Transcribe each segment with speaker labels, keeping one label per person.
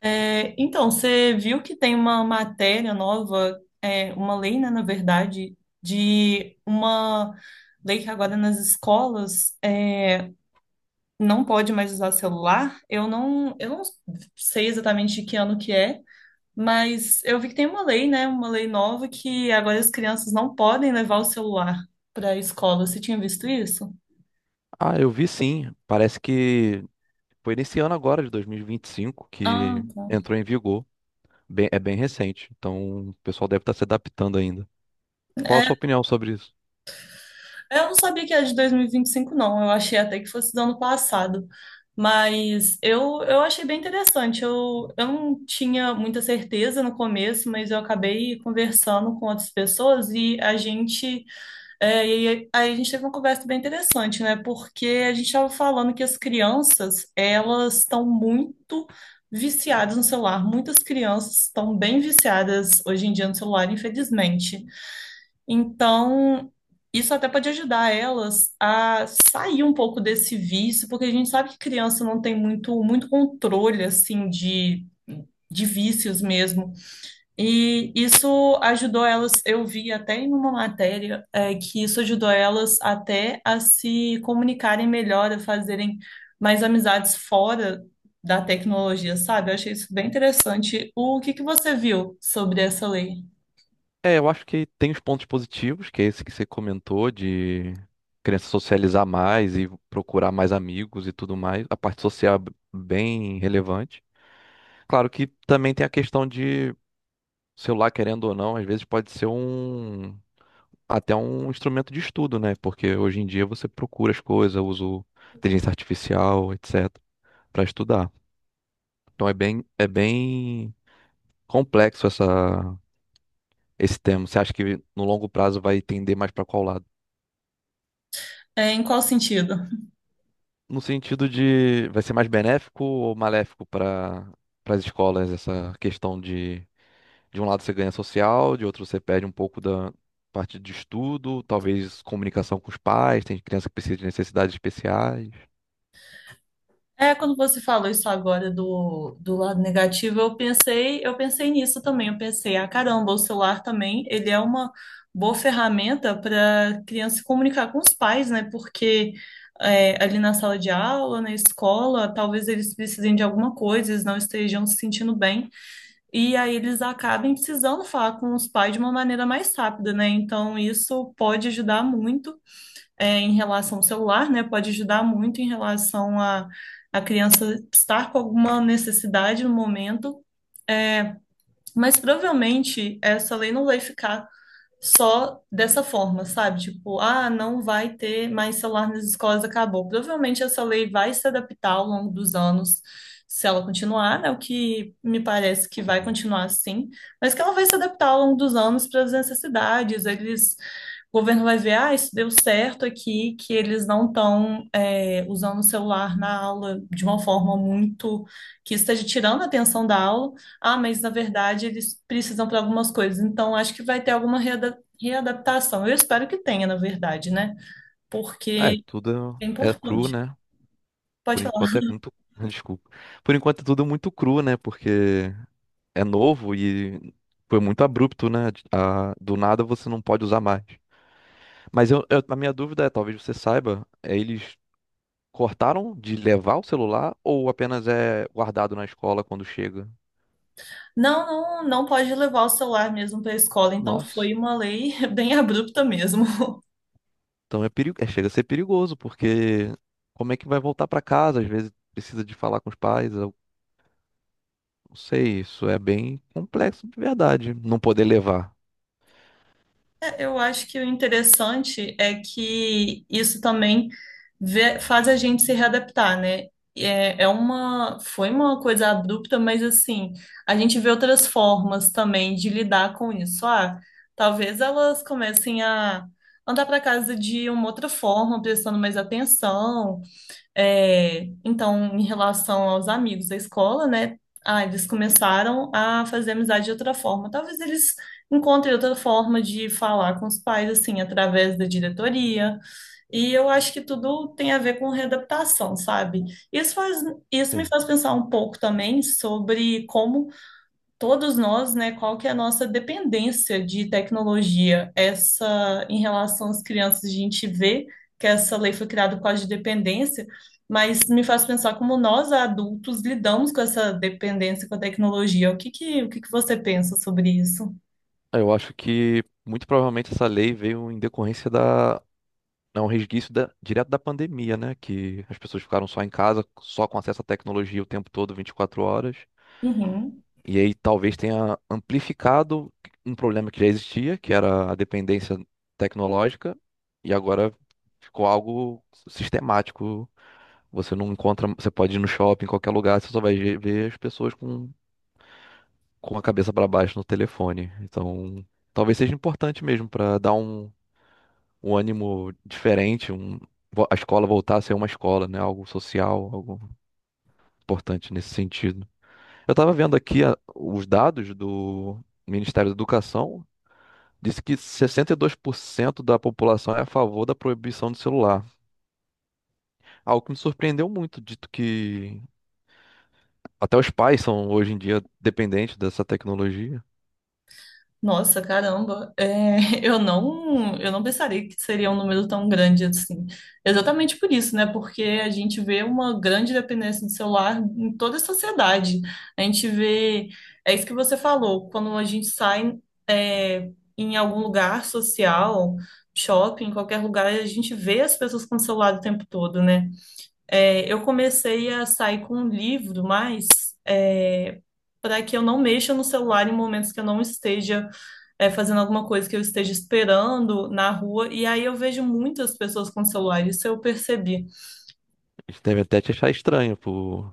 Speaker 1: Então, você viu que tem uma matéria nova, uma lei, né, na verdade, de uma lei que agora nas escolas não pode mais usar celular. Eu não sei exatamente que ano que é, mas eu vi que tem uma lei, né, uma lei nova que agora as crianças não podem levar o celular para a escola. Você tinha visto isso?
Speaker 2: Ah, eu vi sim. Parece que foi nesse ano agora, de 2025,
Speaker 1: Ah,
Speaker 2: que
Speaker 1: tá.
Speaker 2: entrou em vigor. É bem recente, então o pessoal deve estar se adaptando ainda. Qual a sua
Speaker 1: É,
Speaker 2: opinião sobre isso?
Speaker 1: eu não sabia que era de 2025, não. Eu achei até que fosse do ano passado. Mas eu achei bem interessante. Eu não tinha muita certeza no começo, mas eu acabei conversando com outras pessoas e a gente. E aí a gente teve uma conversa bem interessante, né? Porque a gente estava falando que as crianças, elas estão muito viciadas no celular. Muitas crianças estão bem viciadas hoje em dia no celular, infelizmente. Então, isso até pode ajudar elas a sair um pouco desse vício, porque a gente sabe que criança não tem muito, muito controle, assim, de vícios mesmo. E isso ajudou elas, eu vi até em uma matéria, que isso ajudou elas até a se comunicarem melhor, a fazerem mais amizades fora da tecnologia, sabe? Eu achei isso bem interessante. O que que você viu sobre essa lei?
Speaker 2: É, eu acho que tem os pontos positivos, que é esse que você comentou, de criança socializar mais e procurar mais amigos e tudo mais. A parte social é bem relevante. Claro que também tem a questão de celular, querendo ou não, às vezes pode ser até um instrumento de estudo, né? Porque hoje em dia você procura as coisas, usa o inteligência artificial, etc, para estudar. Então é bem complexo esse tema. Você acha que no longo prazo vai tender mais para qual lado?
Speaker 1: Em qual sentido?
Speaker 2: No sentido de vai ser mais benéfico ou maléfico para as escolas essa questão de um lado você ganha social, de outro você perde um pouco da parte de estudo, talvez comunicação com os pais, tem criança que precisa de necessidades especiais.
Speaker 1: Quando você falou isso agora do lado negativo, eu pensei nisso também. Eu pensei, ah, caramba, o celular também, ele é uma boa ferramenta para criança se comunicar com os pais, né? Porque ali na sala de aula, na escola, talvez eles precisem de alguma coisa, eles não estejam se sentindo bem. E aí eles acabem precisando falar com os pais de uma maneira mais rápida, né? Então isso pode ajudar muito em relação ao celular, né? Pode ajudar muito em relação a criança estar com alguma necessidade no momento. Mas provavelmente essa lei não vai ficar só dessa forma, sabe? Tipo, ah, não vai ter mais celular nas escolas, acabou. Provavelmente essa lei vai se adaptar ao longo dos anos, se ela continuar, né? O que me parece que vai continuar assim, mas que ela vai se adaptar ao longo dos anos para as necessidades. O governo vai ver, ah, isso deu certo aqui, que eles não estão usando o celular na aula de uma forma muito que esteja tirando a atenção da aula. Ah, mas na verdade eles precisam para algumas coisas, então acho que vai ter alguma readaptação. Eu espero que tenha, na verdade, né?
Speaker 2: É,
Speaker 1: Porque
Speaker 2: tudo
Speaker 1: é
Speaker 2: é cru,
Speaker 1: importante.
Speaker 2: né? Por
Speaker 1: Pode falar.
Speaker 2: enquanto é muito. Desculpa. Por enquanto é tudo muito cru, né? Porque é novo e foi muito abrupto, né? Do nada você não pode usar mais. Mas a minha dúvida é, talvez você saiba, é, eles cortaram de levar o celular ou apenas é guardado na escola quando chega?
Speaker 1: Não, não, não pode levar o celular mesmo para a escola, então
Speaker 2: Nossa.
Speaker 1: foi uma lei bem abrupta mesmo.
Speaker 2: Então chega a ser perigoso, porque como é que vai voltar para casa? Às vezes precisa de falar com os pais, eu não sei, isso é bem complexo de verdade, não poder levar.
Speaker 1: Eu acho que o interessante é que isso também faz a gente se readaptar, né? Foi uma coisa abrupta, mas assim, a gente vê outras formas também de lidar com isso. Ah, talvez elas comecem a andar para casa de uma outra forma, prestando mais atenção, então, em relação aos amigos da escola, né? Ah, eles começaram a fazer amizade de outra forma. Talvez eles encontrem outra forma de falar com os pais, assim, através da diretoria. E eu acho que tudo tem a ver com readaptação, sabe? Isso faz, isso me
Speaker 2: Sim.
Speaker 1: faz pensar um pouco também sobre como todos nós, né, qual que é a nossa dependência de tecnologia. Essa, em relação às crianças, a gente vê que essa lei foi criada por causa de dependência, mas me faz pensar como nós, adultos, lidamos com essa dependência com a tecnologia. O que que você pensa sobre isso?
Speaker 2: Ah, eu acho que muito provavelmente essa lei veio em decorrência da. É um resquício direto da pandemia, né? Que as pessoas ficaram só em casa, só com acesso à tecnologia o tempo todo, 24 horas.
Speaker 1: Uhum.
Speaker 2: E aí talvez tenha amplificado um problema que já existia, que era a dependência tecnológica, e agora ficou algo sistemático. Você não encontra, você pode ir no shopping, em qualquer lugar, você só vai ver as pessoas com a cabeça para baixo no telefone. Então, talvez seja importante mesmo para dar um ânimo diferente, a escola voltar a ser uma escola, né? Algo social, algo importante nesse sentido. Eu estava vendo aqui os dados do Ministério da Educação. Disse que 62% da população é a favor da proibição do celular. Algo que me surpreendeu muito, dito que até os pais são hoje em dia dependentes dessa tecnologia.
Speaker 1: Nossa, caramba, eu não pensaria que seria um número tão grande assim. Exatamente por isso, né? Porque a gente vê uma grande dependência do celular em toda a sociedade. A gente vê, é isso que você falou, quando a gente sai, é, em algum lugar social, shopping, qualquer lugar, a gente vê as pessoas com o celular o tempo todo, né? Eu comecei a sair com um livro, mas é, para que eu não mexa no celular em momentos que eu não esteja fazendo alguma coisa que eu esteja esperando na rua, e aí eu vejo muitas pessoas com celular, isso eu percebi.
Speaker 2: Eles devem até te achar estranho, pô,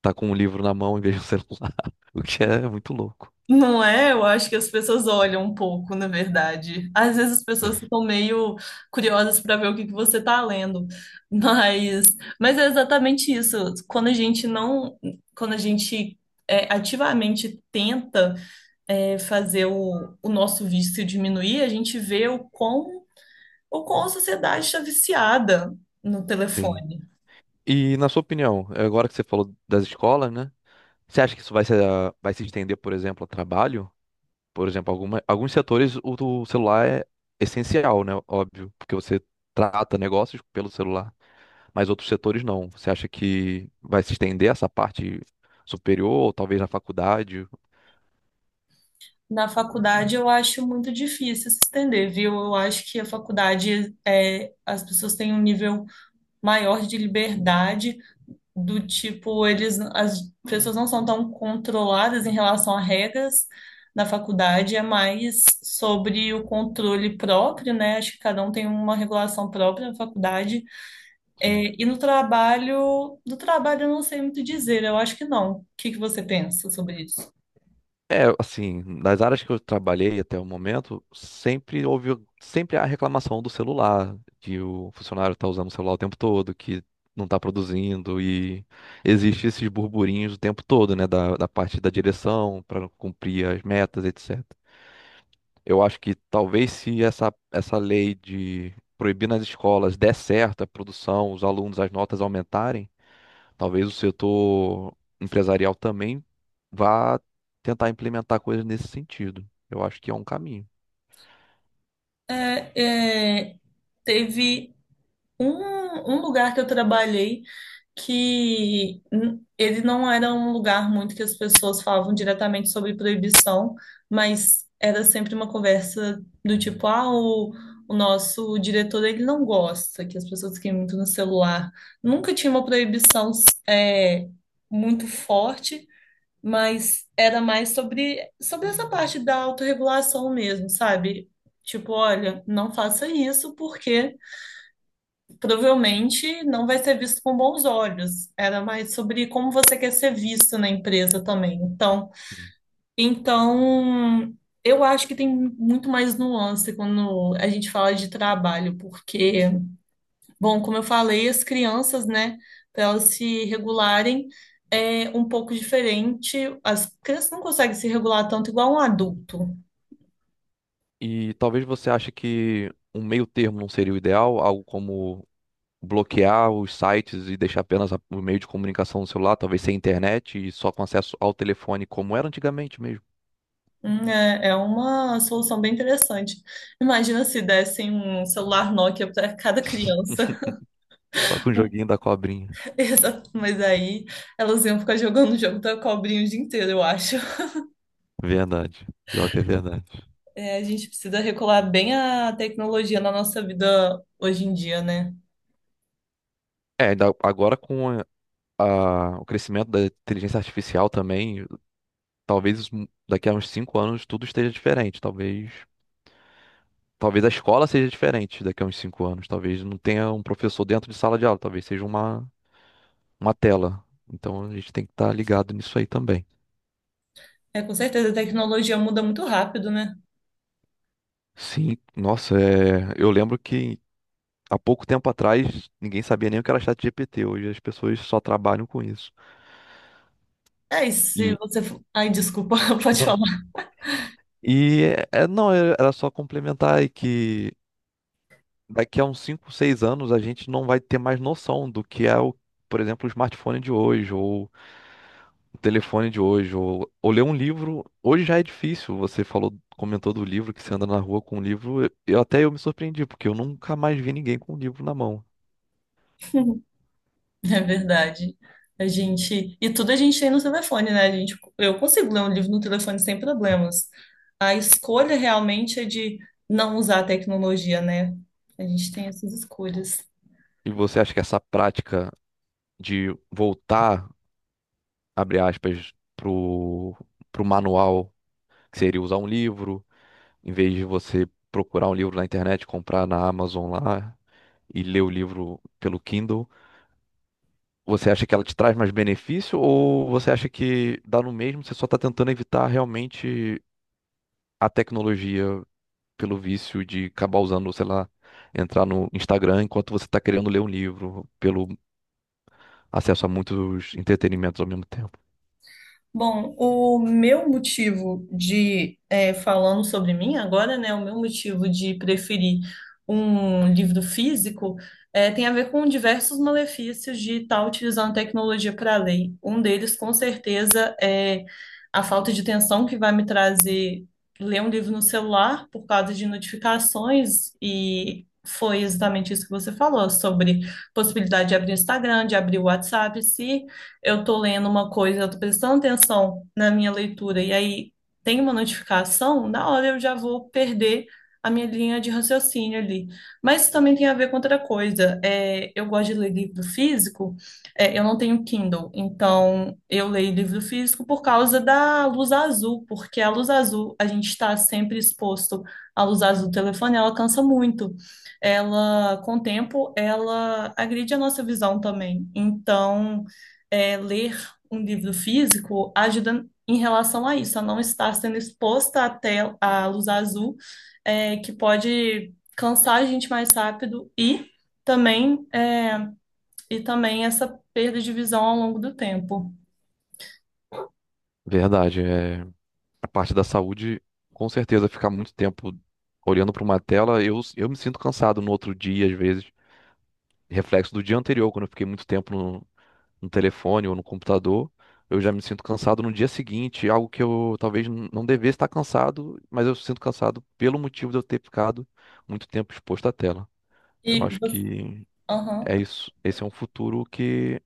Speaker 2: tá com um livro na mão em vez de um celular, o que é muito louco.
Speaker 1: Não é? Eu acho que as pessoas olham um pouco, na verdade. Às vezes as pessoas ficam meio curiosas para ver o que que você está lendo, mas, é exatamente isso. Quando a gente não, quando a gente ativamente tenta fazer o nosso vício diminuir, a gente vê o quão a sociedade está viciada no
Speaker 2: Sim.
Speaker 1: telefone.
Speaker 2: E na sua opinião, é agora que você falou das escolas, né? Você acha que isso vai se estender, por exemplo, ao trabalho? Por exemplo, alguns setores do celular é essencial, né? Óbvio, porque você trata negócios pelo celular, mas outros setores não. Você acha que vai se estender essa parte superior, ou talvez na faculdade?
Speaker 1: Na faculdade eu acho muito difícil se estender, viu? Eu acho que a faculdade as pessoas têm um nível maior de liberdade, do tipo, eles as pessoas não são tão controladas em relação a regras. Na faculdade é mais sobre o controle próprio, né? Acho que cada um tem uma regulação própria na faculdade.
Speaker 2: Sim.
Speaker 1: É, e no trabalho, do trabalho eu não sei muito dizer, eu acho que não. O que que você pensa sobre isso?
Speaker 2: É, assim, nas áreas que eu trabalhei até o momento, sempre houve sempre a reclamação do celular, que o funcionário está usando o celular o tempo todo, que não está produzindo, e existe esses burburinhos o tempo todo, né, da parte da direção, para cumprir as metas, etc. Eu acho que talvez se essa lei de proibir nas escolas der certo a produção, os alunos, as notas aumentarem, talvez o setor empresarial também vá tentar implementar coisas nesse sentido. Eu acho que é um caminho.
Speaker 1: É, é, teve Um, um lugar que eu trabalhei que ele não era um lugar muito que as pessoas falavam diretamente sobre proibição, mas era sempre uma conversa do tipo, ah, o nosso diretor ele não gosta que as pessoas fiquem muito no celular. Nunca tinha uma proibição é, muito forte, mas era mais sobre, essa parte da autorregulação mesmo, sabe? Tipo, olha, não faça isso porque provavelmente não vai ser visto com bons olhos. Era mais sobre como você quer ser visto na empresa também. Então,
Speaker 2: Sim.
Speaker 1: então eu acho que tem muito mais nuance quando a gente fala de trabalho, porque, bom, como eu falei, as crianças, né, para elas se regularem é um pouco diferente. As crianças não conseguem se regular tanto igual um adulto.
Speaker 2: E talvez você ache que um meio termo não seria o ideal, algo como bloquear os sites e deixar apenas o meio de comunicação no celular, talvez sem internet e só com acesso ao telefone, como era antigamente mesmo.
Speaker 1: É uma solução bem interessante. Imagina se dessem um celular Nokia para cada criança.
Speaker 2: Só com o joguinho da cobrinha.
Speaker 1: Exato, mas aí elas iam ficar jogando o jogo da cobrinha o dia inteiro, eu acho.
Speaker 2: Verdade. Pior que é verdade.
Speaker 1: É, a gente precisa regular bem a tecnologia na nossa vida hoje em dia, né?
Speaker 2: É, ainda agora com o crescimento da inteligência artificial também, talvez daqui a uns 5 anos tudo esteja diferente. Talvez a escola seja diferente daqui a uns 5 anos. Talvez não tenha um professor dentro de sala de aula. Talvez seja uma tela. Então a gente tem que estar ligado nisso aí também.
Speaker 1: É, com certeza a tecnologia muda muito rápido, né?
Speaker 2: Sim, nossa, é, eu lembro que há pouco tempo atrás ninguém sabia nem o que era ChatGPT. Hoje as pessoas só trabalham com isso.
Speaker 1: É, e se
Speaker 2: E
Speaker 1: você. For- Ai, desculpa, pode
Speaker 2: não.
Speaker 1: falar.
Speaker 2: E não, era só complementar aí que daqui a uns 5, 6 anos a gente não vai ter mais noção do que é o, por exemplo, o smartphone de hoje, ou o telefone de hoje, ou, ler um livro. Hoje já é difícil. Você comentou do livro que você anda na rua com um livro. Eu até eu me surpreendi, porque eu nunca mais vi ninguém com um livro na mão.
Speaker 1: É verdade. A gente. E tudo a gente tem no telefone, né? Eu consigo ler um livro no telefone sem problemas. A escolha realmente é de não usar a tecnologia, né? A gente tem essas escolhas.
Speaker 2: E você acha que essa prática de voltar, abre aspas, pro manual, que seria usar um livro? Em vez de você procurar um livro na internet, comprar na Amazon lá e ler o livro pelo Kindle, você acha que ela te traz mais benefício ou você acha que dá no mesmo, você só está tentando evitar realmente a tecnologia pelo vício de acabar usando, sei lá, entrar no Instagram enquanto você está querendo ler um livro, pelo acesso a muitos entretenimentos ao mesmo tempo?
Speaker 1: Bom, o meu motivo de, falando sobre mim agora, né, o meu motivo de preferir um livro físico tem a ver com diversos malefícios de estar utilizando tecnologia para ler. Um deles, com certeza, é a falta de atenção que vai me trazer ler um livro no celular por causa de notificações, e foi exatamente isso que você falou sobre possibilidade de abrir o Instagram, de abrir o WhatsApp. Se eu tô lendo uma coisa, eu tô prestando atenção na minha leitura, e aí tem uma notificação, na hora eu já vou perder a minha linha de raciocínio ali. Mas isso também tem a ver com outra coisa. Eu gosto de ler livro físico, eu não tenho Kindle, então eu leio livro físico por causa da luz azul, porque a luz azul, a gente está sempre exposto à luz azul do telefone, ela cansa muito. Ela, com o tempo, ela agride a nossa visão também. Então, ler um livro físico ajuda em relação a isso, a não estar sendo exposta à luz azul, que pode cansar a gente mais rápido e também, essa perda de visão ao longo do tempo.
Speaker 2: Verdade, é a parte da saúde, com certeza ficar muito tempo olhando para uma tela, eu me sinto cansado no outro dia às vezes. Reflexo do dia anterior, quando eu fiquei muito tempo no telefone ou no computador, eu já me sinto cansado no dia seguinte, algo que eu talvez não devesse estar cansado, mas eu sinto cansado pelo motivo de eu ter ficado muito tempo exposto à tela. Eu
Speaker 1: E
Speaker 2: acho
Speaker 1: você,
Speaker 2: que
Speaker 1: Aham.
Speaker 2: é isso. Esse é um futuro que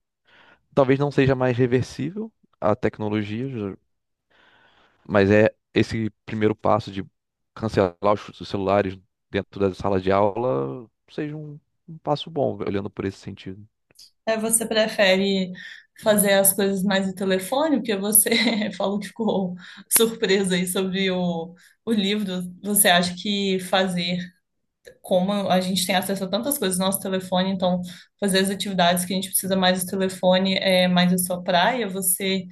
Speaker 2: talvez não seja mais reversível a tecnologia, mas é esse primeiro passo de cancelar os celulares dentro da sala de aula seja um passo bom, olhando por esse sentido.
Speaker 1: Você prefere fazer as coisas mais no telefone, porque você falou que ficou surpresa aí sobre o livro. Você acha que fazer como a gente tem acesso a tantas coisas no nosso telefone, então fazer as atividades que a gente precisa mais do telefone é mais a sua praia, você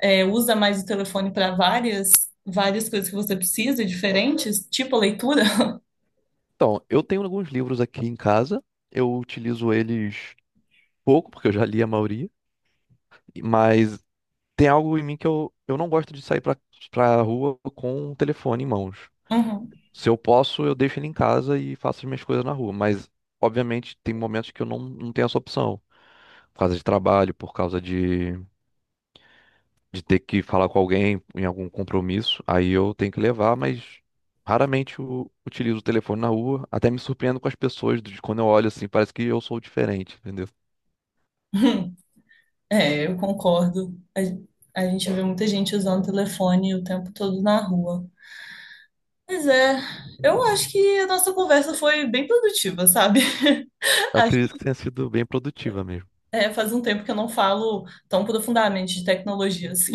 Speaker 1: usa mais o telefone para várias coisas que você precisa, diferentes, tipo a leitura.
Speaker 2: Então, eu tenho alguns livros aqui em casa, eu utilizo eles pouco, porque eu já li a maioria, mas tem algo em mim que eu não gosto de sair pra rua com o telefone em mãos.
Speaker 1: Uhum.
Speaker 2: Se eu posso, eu deixo ele em casa e faço as minhas coisas na rua, mas obviamente tem momentos que eu não tenho essa opção, por causa de trabalho, por causa de ter que falar com alguém em algum compromisso, aí eu tenho que levar, mas raramente eu utilizo o telefone na rua, até me surpreendo com as pessoas, de quando eu olho assim, parece que eu sou diferente, entendeu?
Speaker 1: É, eu concordo. A gente vê muita gente usando telefone o tempo todo na rua. Mas eu acho que a nossa conversa foi bem produtiva, sabe?
Speaker 2: Eu
Speaker 1: Acho-
Speaker 2: acredito que tenha sido bem produtiva mesmo.
Speaker 1: É, faz um tempo que eu não falo tão profundamente de tecnologias.